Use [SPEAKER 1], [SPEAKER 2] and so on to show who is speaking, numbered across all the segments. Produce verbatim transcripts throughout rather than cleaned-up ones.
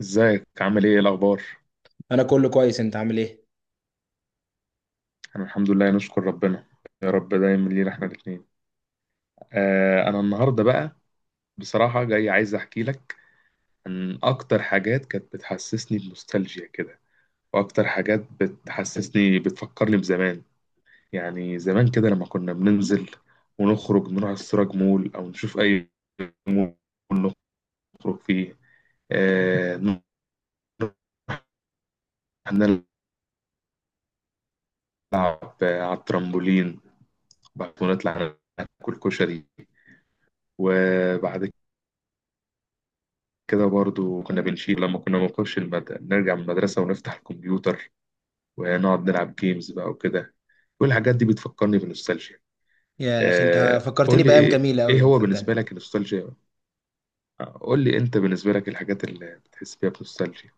[SPEAKER 1] ازيك عامل ايه إيه الاخبار.
[SPEAKER 2] انا كله كويس، انت عامل ايه؟
[SPEAKER 1] انا الحمد لله نشكر ربنا. يا رب دايما لينا احنا الاثنين. آه انا النهارده بقى بصراحه جاي عايز احكي لك عن اكتر حاجات كانت بتحسسني بنوستالجيا كده، واكتر حاجات بتحسسني بتفكرني بزمان. يعني زمان كده لما كنا بننزل ونخرج نروح السراج مول او نشوف اي مول نخرج فيه، آه نروح نلعب على الترامبولين، بعد ونطلع ناكل كشري. وبعد كده برضو كنا بنشيل لما كنا بنخش المد... نرجع من المدرسة ونفتح الكمبيوتر ونقعد نلعب جيمز بقى وكده. كل الحاجات دي بتفكرني بنوستالجيا.
[SPEAKER 2] يا اخي انت
[SPEAKER 1] آه...
[SPEAKER 2] فكرتني
[SPEAKER 1] قول لي
[SPEAKER 2] بايام
[SPEAKER 1] ايه
[SPEAKER 2] جميله
[SPEAKER 1] ايه
[SPEAKER 2] قوي،
[SPEAKER 1] هو بالنسبة
[SPEAKER 2] صدقني.
[SPEAKER 1] لك النوستالجيا؟ آه، قول لي انت بالنسبة لك الحاجات اللي بتحس فيها بنوستالجيا.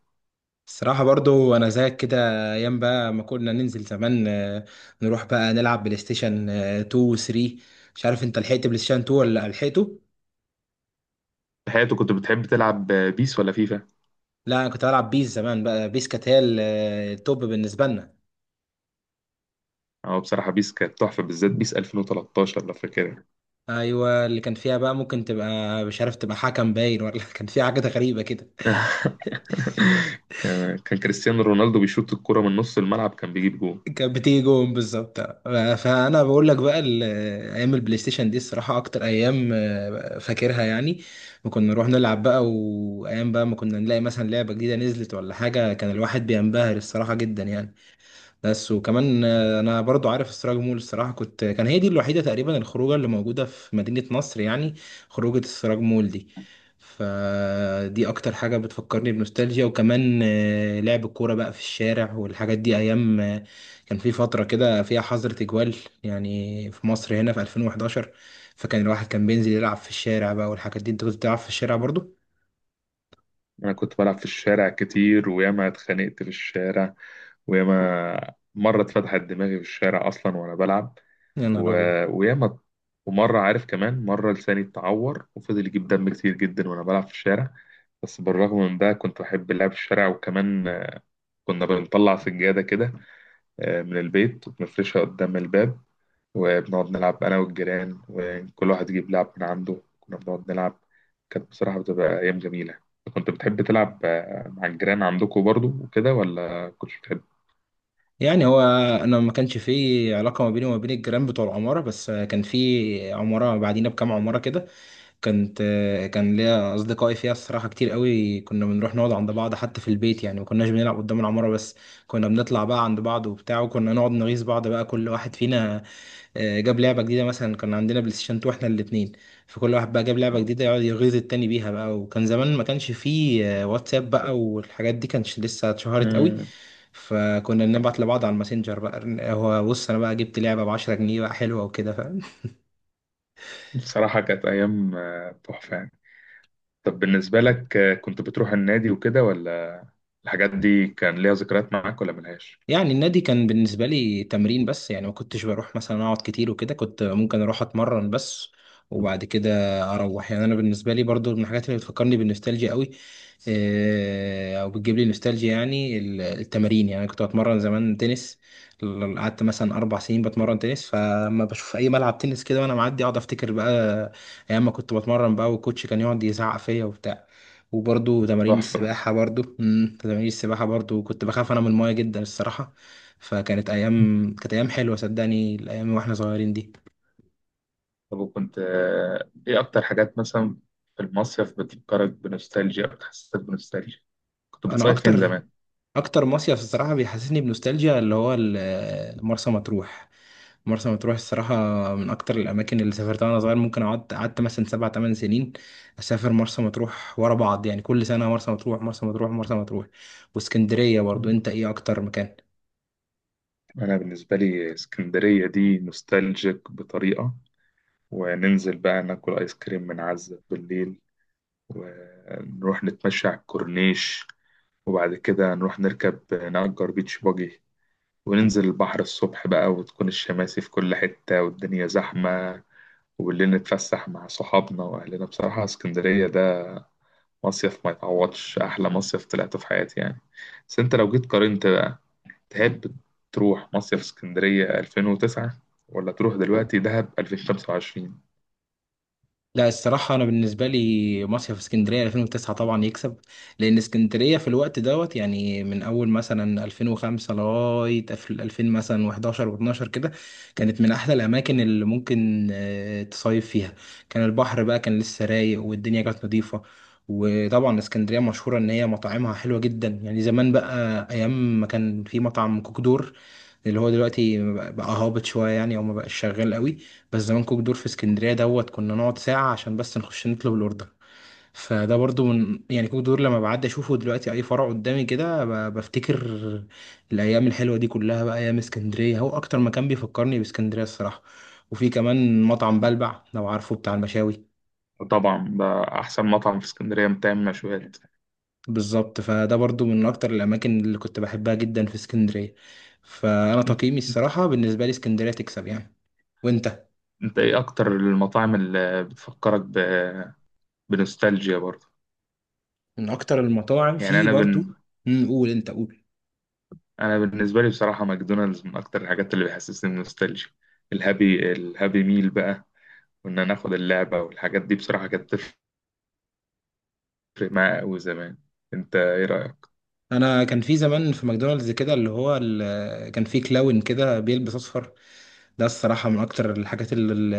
[SPEAKER 2] الصراحه برضو انا زيك كده. ايام بقى ما كنا ننزل زمان، آه، نروح بقى نلعب بلاي ستيشن آه، اتنين و تلاتة. مش عارف انت لحقت بلاي ستيشن اتنين ولا لحقته.
[SPEAKER 1] في حياتك كنت بتحب تلعب بيس ولا فيفا؟
[SPEAKER 2] لا انا كنت بلعب بيس زمان بقى، بيس كانت هي ال- آه، التوب بالنسبه لنا.
[SPEAKER 1] اه بصراحة بيس كانت تحفة، بالذات بيس ألفين وتلتاشر لو فاكرها.
[SPEAKER 2] ايوه، اللي كان فيها بقى ممكن تبقى مش عارف، تبقى حكم باين ولا كان فيها حاجه غريبه كده.
[SPEAKER 1] كان كان كريستيانو رونالدو بيشوط الكرة من نص الملعب كان بيجيب جول.
[SPEAKER 2] كانت بتيجي جون بالظبط. فانا بقول لك بقى ال- ايام البلاي ستيشن دي الصراحه اكتر ايام، آه، فاكرها يعني. وكنا نروح نلعب بقى. وايام بقى ما كنا نلاقي مثلا لعبه جديده نزلت ولا حاجه، كان الواحد بينبهر الصراحه جدا يعني. بس، وكمان آه، انا برضو عارف السراج مول الصراحه، كنت كان هي دي الوحيده تقريبا الخروجه اللي موجوده في مدينه نصر يعني. خروجه السراج مول دي. فدي اكتر حاجه بتفكرني بنوستالجيا. وكمان آه، لعب الكوره بقى في الشارع والحاجات دي ايام آه، كان في فتره كده فيها حظر تجوال، يعني في مصر هنا في ألفين وأحد عشر. فكان الواحد كان بينزل يلعب في الشارع بقى والحاجات دي. انت كنت بتلعب في الشارع برضو؟
[SPEAKER 1] انا كنت بلعب في الشارع كتير وياما اتخانقت في الشارع، وياما مره اتفتحت دماغي في الشارع اصلا وانا بلعب،
[SPEAKER 2] يا
[SPEAKER 1] و...
[SPEAKER 2] نهار ابيض!
[SPEAKER 1] وياما ومره عارف كمان مره لساني اتعور وفضل يجيب دم كتير جدا وانا بلعب في الشارع. بس بالرغم من ده كنت بحب اللعب في الشارع، وكمان كنا بنطلع سجاده كده آه، من البيت وبنفرشها قدام الباب، وبنقعد نلعب أنا والجيران، وكل واحد يجيب لعب من عنده كنا بنقعد نلعب. كانت بصراحة بتبقى أيام جميلة. كنت بتحب تلعب آه، مع الجيران عندكم برضو وكده ولا كنتش بتحب؟
[SPEAKER 2] يعني هو انا ما كانش في علاقه ما بيني وما بين الجيران بتوع العماره، بس كان في عماره بعدينا بكام عماره كده. كانت كان ليا اصدقائي فيها الصراحه كتير قوي. كنا بنروح نقعد عند بعض حتى في البيت، يعني ما كناش بنلعب قدام العماره بس. كنا بنطلع بقى عند بعض وبتاع، وكنا نقعد نغيظ بعض بقى. كل واحد فينا آه، جاب لعبة جديدة مثلا. كان عندنا بلاي ستيشن اتنين احنا الاتنين. فكل واحد بقى جاب لعبة جديدة يقعد يغيظ التاني بيها بقى. وكان زمان ما كانش فيه آه، واتساب بقى والحاجات دي، كانش لسه اتشهرت قوي.
[SPEAKER 1] مم.
[SPEAKER 2] فكنا بنبعت لبعض على الماسنجر بقى. هو بص انا بقى جبت لعبة ب عشرة جنيه بقى حلوة وكده، فاهم؟
[SPEAKER 1] بصراحة كانت أيام آه، تحفة يعني. طب بالنسبة لك آه، كنت بتروح النادي وكده، ولا الحاجات دي كان ليها ذكريات معاك ولا ملهاش؟
[SPEAKER 2] يعني النادي كان بالنسبة لي تمرين بس، يعني ما كنتش بروح مثلا أقعد كتير وكده، كنت ممكن أروح أتمرن بس. وبعد كده أروح. يعني أنا بالنسبة لي برضو من الحاجات اللي بتفكرني بالنوستالجيا قوي، آه، أو بتجيب لي نوستالجيا يعني ال- التمارين. يعني أنا كنت بتمرن زمان تنس. ل- قعدت مثلا أربع سنين بتمرن تنس. فلما بشوف أي ملعب تنس كده وأنا معدي أقعد أفتكر بقى أيام ما كنت بتمرن بقى والكوتش كان يقعد يزعق فيا وبتاع. وبرضو تمارين
[SPEAKER 1] تحفة.
[SPEAKER 2] السباحة برضو مم، تمارين السباحة برضو كنت بخاف أنا من الماية جدا الصراحة. فكانت أيام كانت أيام حلوة صدقني، الأيام وإحنا صغيرين دي.
[SPEAKER 1] طب وكنت آه، إيه أكتر حاجات مثلا في المصيف بتفكرك بنوستالجيا أو بتحسسك بنوستالجيا؟ كنت
[SPEAKER 2] أنا
[SPEAKER 1] بتصيف فين
[SPEAKER 2] أكتر
[SPEAKER 1] زمان؟
[SPEAKER 2] أكتر مصيف الصراحة بيحسسني بنوستالجيا اللي هو ال- مرسى مطروح. مرسى مطروح الصراحة من أكتر الأماكن اللي سافرتها وأنا صغير. ممكن قعدت قعدت مثلا سبع تمن سنين أسافر مرسى مطروح ورا بعض، يعني كل سنة مرسى مطروح، مرسى مطروح، مرسى مطروح. واسكندرية برضو. أنت إيه أكتر مكان؟
[SPEAKER 1] أنا بالنسبة لي اسكندرية دي نوستالجيك بطريقة. وننزل بقى ناكل آيس كريم من عزة بالليل، ونروح نتمشى على الكورنيش، وبعد كده نروح نركب نأجر بيتش باجي، وننزل البحر الصبح بقى وتكون الشماسي في كل حتة والدنيا زحمة، وبالليل نتفسح مع صحابنا وأهلنا. بصراحة اسكندرية ده مصيف ما يتعوضش، أحلى مصيف طلعته في حياتي يعني. بس أنت لو جيت قارنت، تحب تروح مصيف اسكندرية ألفين وتسعة ولا تروح دلوقتي دهب ألفين وخمسة وعشرين؟
[SPEAKER 2] لا الصراحة، أنا بالنسبة لي مصيف اسكندرية ألفين وتسعة طبعا يكسب. لأن اسكندرية في الوقت دوت، يعني من أول مثلا ألفين وخمسة لغاية أف- ألفين مثلا و11 و12 كده، كانت من أحلى الأماكن اللي ممكن آه، تصيف فيها. كان البحر بقى، كان لسه رايق والدنيا كانت نظيفة. وطبعا اسكندرية مشهورة إن هي مطاعمها حلوة جدا، يعني زمان بقى أيام ما كان في مطعم كوكدور اللي هو دلوقتي بقى بقى هابط شوية، يعني او ما بقاش شغال قوي. بس زمان كوك دور في اسكندرية دوت كنا نقعد ساعة عشان بس نخش نطلب الاوردر. فده برضو من، يعني كوك دور لما بعدي اشوفه دلوقتي اي فرع قدامي كده ب- بفتكر الايام الحلوة دي كلها بقى. ايام اسكندرية هو اكتر مكان بيفكرني باسكندرية الصراحة. وفي كمان مطعم بلبع، لو عارفه، بتاع المشاوي.
[SPEAKER 1] وطبعا ده أحسن مطعم في اسكندرية بتعمل مشويات.
[SPEAKER 2] بالظبط. فده برضو من اكتر الاماكن اللي كنت بحبها جدا في اسكندرية. فانا
[SPEAKER 1] أنت
[SPEAKER 2] تقييمي الصراحة بالنسبة لي اسكندرية تكسب يعني. وانت؟
[SPEAKER 1] أنت إيه أكتر المطاعم اللي بتفكرك ب... بنوستالجيا برضه؟
[SPEAKER 2] من اكتر المطاعم
[SPEAKER 1] يعني
[SPEAKER 2] في
[SPEAKER 1] أنا
[SPEAKER 2] برضو.
[SPEAKER 1] بن...
[SPEAKER 2] مم، قول انت قول.
[SPEAKER 1] أنا بالنسبة لي بصراحة ماكدونالدز من أكتر الحاجات اللي بيحسسني بنوستالجيا. الهابي الهابي ميل بقى، وإن أنا آخد اللعبة والحاجات دي، بصراحة كانت تفرق معايا أوي زمان. أنت إيه رأيك؟
[SPEAKER 2] انا كان في زمان في ماكدونالدز كده، اللي هو ال- كان في كلاون كده بيلبس اصفر. ده الصراحه من اكتر الحاجات اللي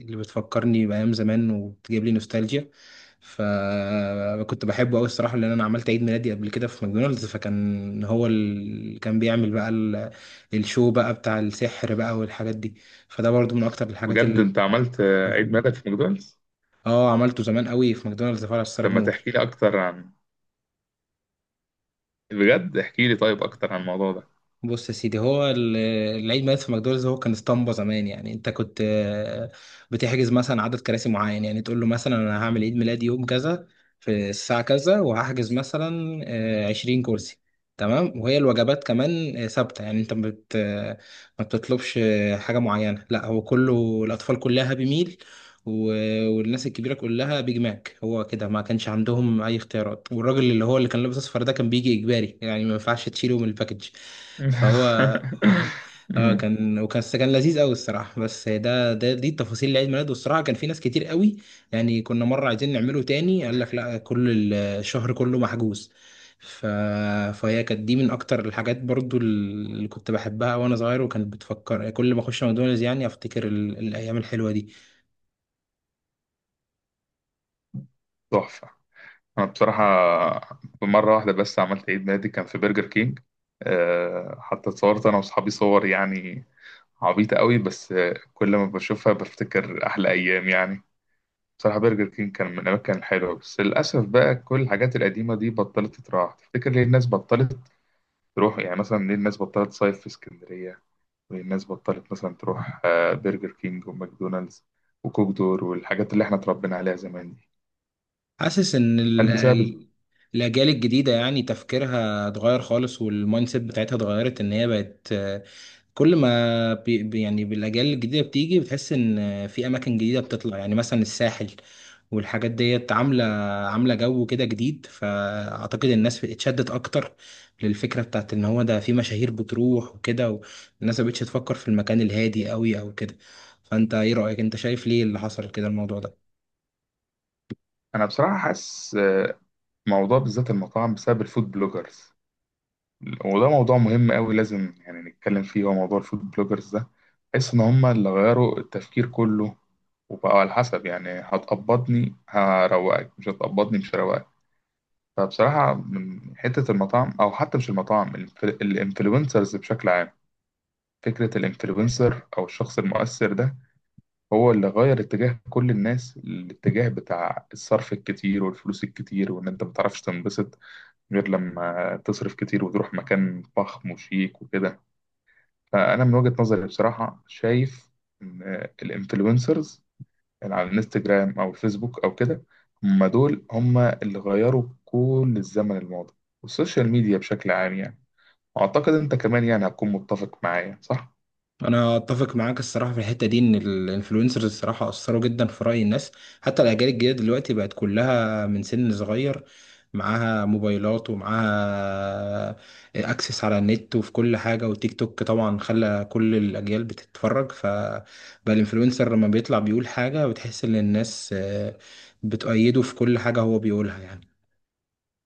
[SPEAKER 2] اللي بتفكرني بايام زمان وبتجيب لي نوستالجيا. فكنت بحبه قوي الصراحه، لان انا عملت عيد ميلادي قبل كده في ماكدونالدز. فكان هو اللي كان بيعمل بقى ال- الشو بقى بتاع السحر بقى والحاجات دي. فده برضو من اكتر الحاجات
[SPEAKER 1] بجد
[SPEAKER 2] اللي
[SPEAKER 1] أنت
[SPEAKER 2] كنت
[SPEAKER 1] عملت عيد
[SPEAKER 2] بحبها.
[SPEAKER 1] ميلادك في ماكدونالدز؟
[SPEAKER 2] اه، عملته زمان قوي في ماكدونالدز فرع
[SPEAKER 1] طب
[SPEAKER 2] السراج
[SPEAKER 1] ما
[SPEAKER 2] مول.
[SPEAKER 1] تحكي لي اكتر عن بجد احكي لي طيب اكتر عن الموضوع ده.
[SPEAKER 2] بص يا سيدي، هو ال- العيد ميلاد في ماكدونالدز هو كان اسطمبة زمان، يعني انت كنت آه، بتحجز مثلا عدد كراسي معين. يعني تقول له مثلا انا هعمل عيد ميلادي يوم كذا، في الساعة كذا، وهحجز مثلا آه، عشرين كرسي. تمام. وهي الوجبات كمان آه، ثابتة. يعني انت ما بت آه، ما بتطلبش آه، حاجة معينة. لا هو كله، الأطفال كلها هابي ميل. والناس الكبيره كلها بيج ماك. هو كده، ما كانش عندهم اي اختيارات. والراجل اللي هو اللي كان لابس اصفر ده كان بيجي اجباري، يعني ما ينفعش تشيله من الباكج. فهو. اه،
[SPEAKER 1] أمم،
[SPEAKER 2] كان وكان كان لذيذ قوي الصراحه. بس ده ده دي التفاصيل لعيد ميلاده، والصراحه كان في ناس كتير قوي. يعني كنا مره عايزين نعمله تاني، قال لك لا، كل الشهر كله محجوز. ف... فهي كانت دي من اكتر الحاجات برضو اللي كنت بحبها وانا صغير، وكانت بتفكر كل ما اخش ماكدونالدز يعني افتكر ال... الايام الحلوه دي.
[SPEAKER 1] تحفة. انا بصراحة مرة واحدة بس عملت عيد ميلادي كان في برجر كينج. أه حتى اتصورت انا واصحابي صور يعني عبيطة قوي، بس آه، كل ما بشوفها بفتكر احلى ايام يعني. بصراحة برجر كينج كان من الأماكن الحلوة، بس للأسف بقى كل الحاجات القديمة دي بطلت تتراح تفتكر ليه الناس بطلت تروح. يعني مثلا ليه الناس بطلت تصيف في اسكندرية، والناس بطلت مثلا تروح آه، برجر كينج وماكدونالدز وكوك دور والحاجات اللي احنا اتربينا عليها زمان دي؟
[SPEAKER 2] حاسس ان
[SPEAKER 1] هل
[SPEAKER 2] ال-
[SPEAKER 1] بسبب
[SPEAKER 2] ال- الاجيال الجديده يعني تفكيرها اتغير خالص، والمايند سيت بتاعتها اتغيرت. ان هي بقت، آه، كل ما بي بي- يعني بالاجيال الجديده بتيجي بتحس ان آه، في اماكن جديده بتطلع يعني مثلا الساحل والحاجات ديت عامله عامله جو كده جديد. فاعتقد الناس اتشدت اكتر للفكره بتاعت ان هو ده في مشاهير بتروح وكده. والناس مبقتش تفكر في المكان الهادي قوي او كده. فانت ايه رايك، انت شايف ليه اللي حصل كده الموضوع ده؟
[SPEAKER 1] انا بصراحة حاسس آه، موضوع بالذات المطاعم بسبب الفود بلوجرز، وده موضوع مهم قوي لازم يعني نتكلم فيه، هو موضوع الفود بلوجرز ده. بحس ان هم اللي غيروا التفكير كله، وبقوا على حسب يعني هتقبضني هروقك، مش هتقبضني مش هروقك. فبصراحة من حتة المطاعم أو حتى مش المطاعم، الانفلونسرز بشكل عام، فكرة الانفلونسر أو الشخص المؤثر ده هو اللي غير اتجاه كل الناس، الاتجاه بتاع الصرف الكتير والفلوس الكتير، وإن أنت متعرفش تنبسط غير لما تصرف كتير وتروح مكان فخم وشيك وكده. فأنا من وجهة نظري بصراحة شايف إن الانفلونسرز اللي على الانستجرام أو الفيسبوك أو كده هم دول هم اللي غيروا كل الزمن الماضي، والسوشيال ميديا بشكل عام يعني. أعتقد أنت كمان يعني هتكون متفق معايا صح؟
[SPEAKER 2] انا اتفق معاك الصراحه في الحته دي، ان الانفلونسرز الصراحه اثروا جدا في راي الناس. حتى الاجيال الجديده دلوقتي بقت كلها من سن صغير، معاها موبايلات ومعاها اكسس على النت وفي كل حاجه، وتيك توك طبعا خلى كل الاجيال بتتفرج. فبقى الانفلونسر لما بيطلع بيقول حاجه بتحس ان الناس آه، بتؤيده في كل حاجه هو بيقولها يعني.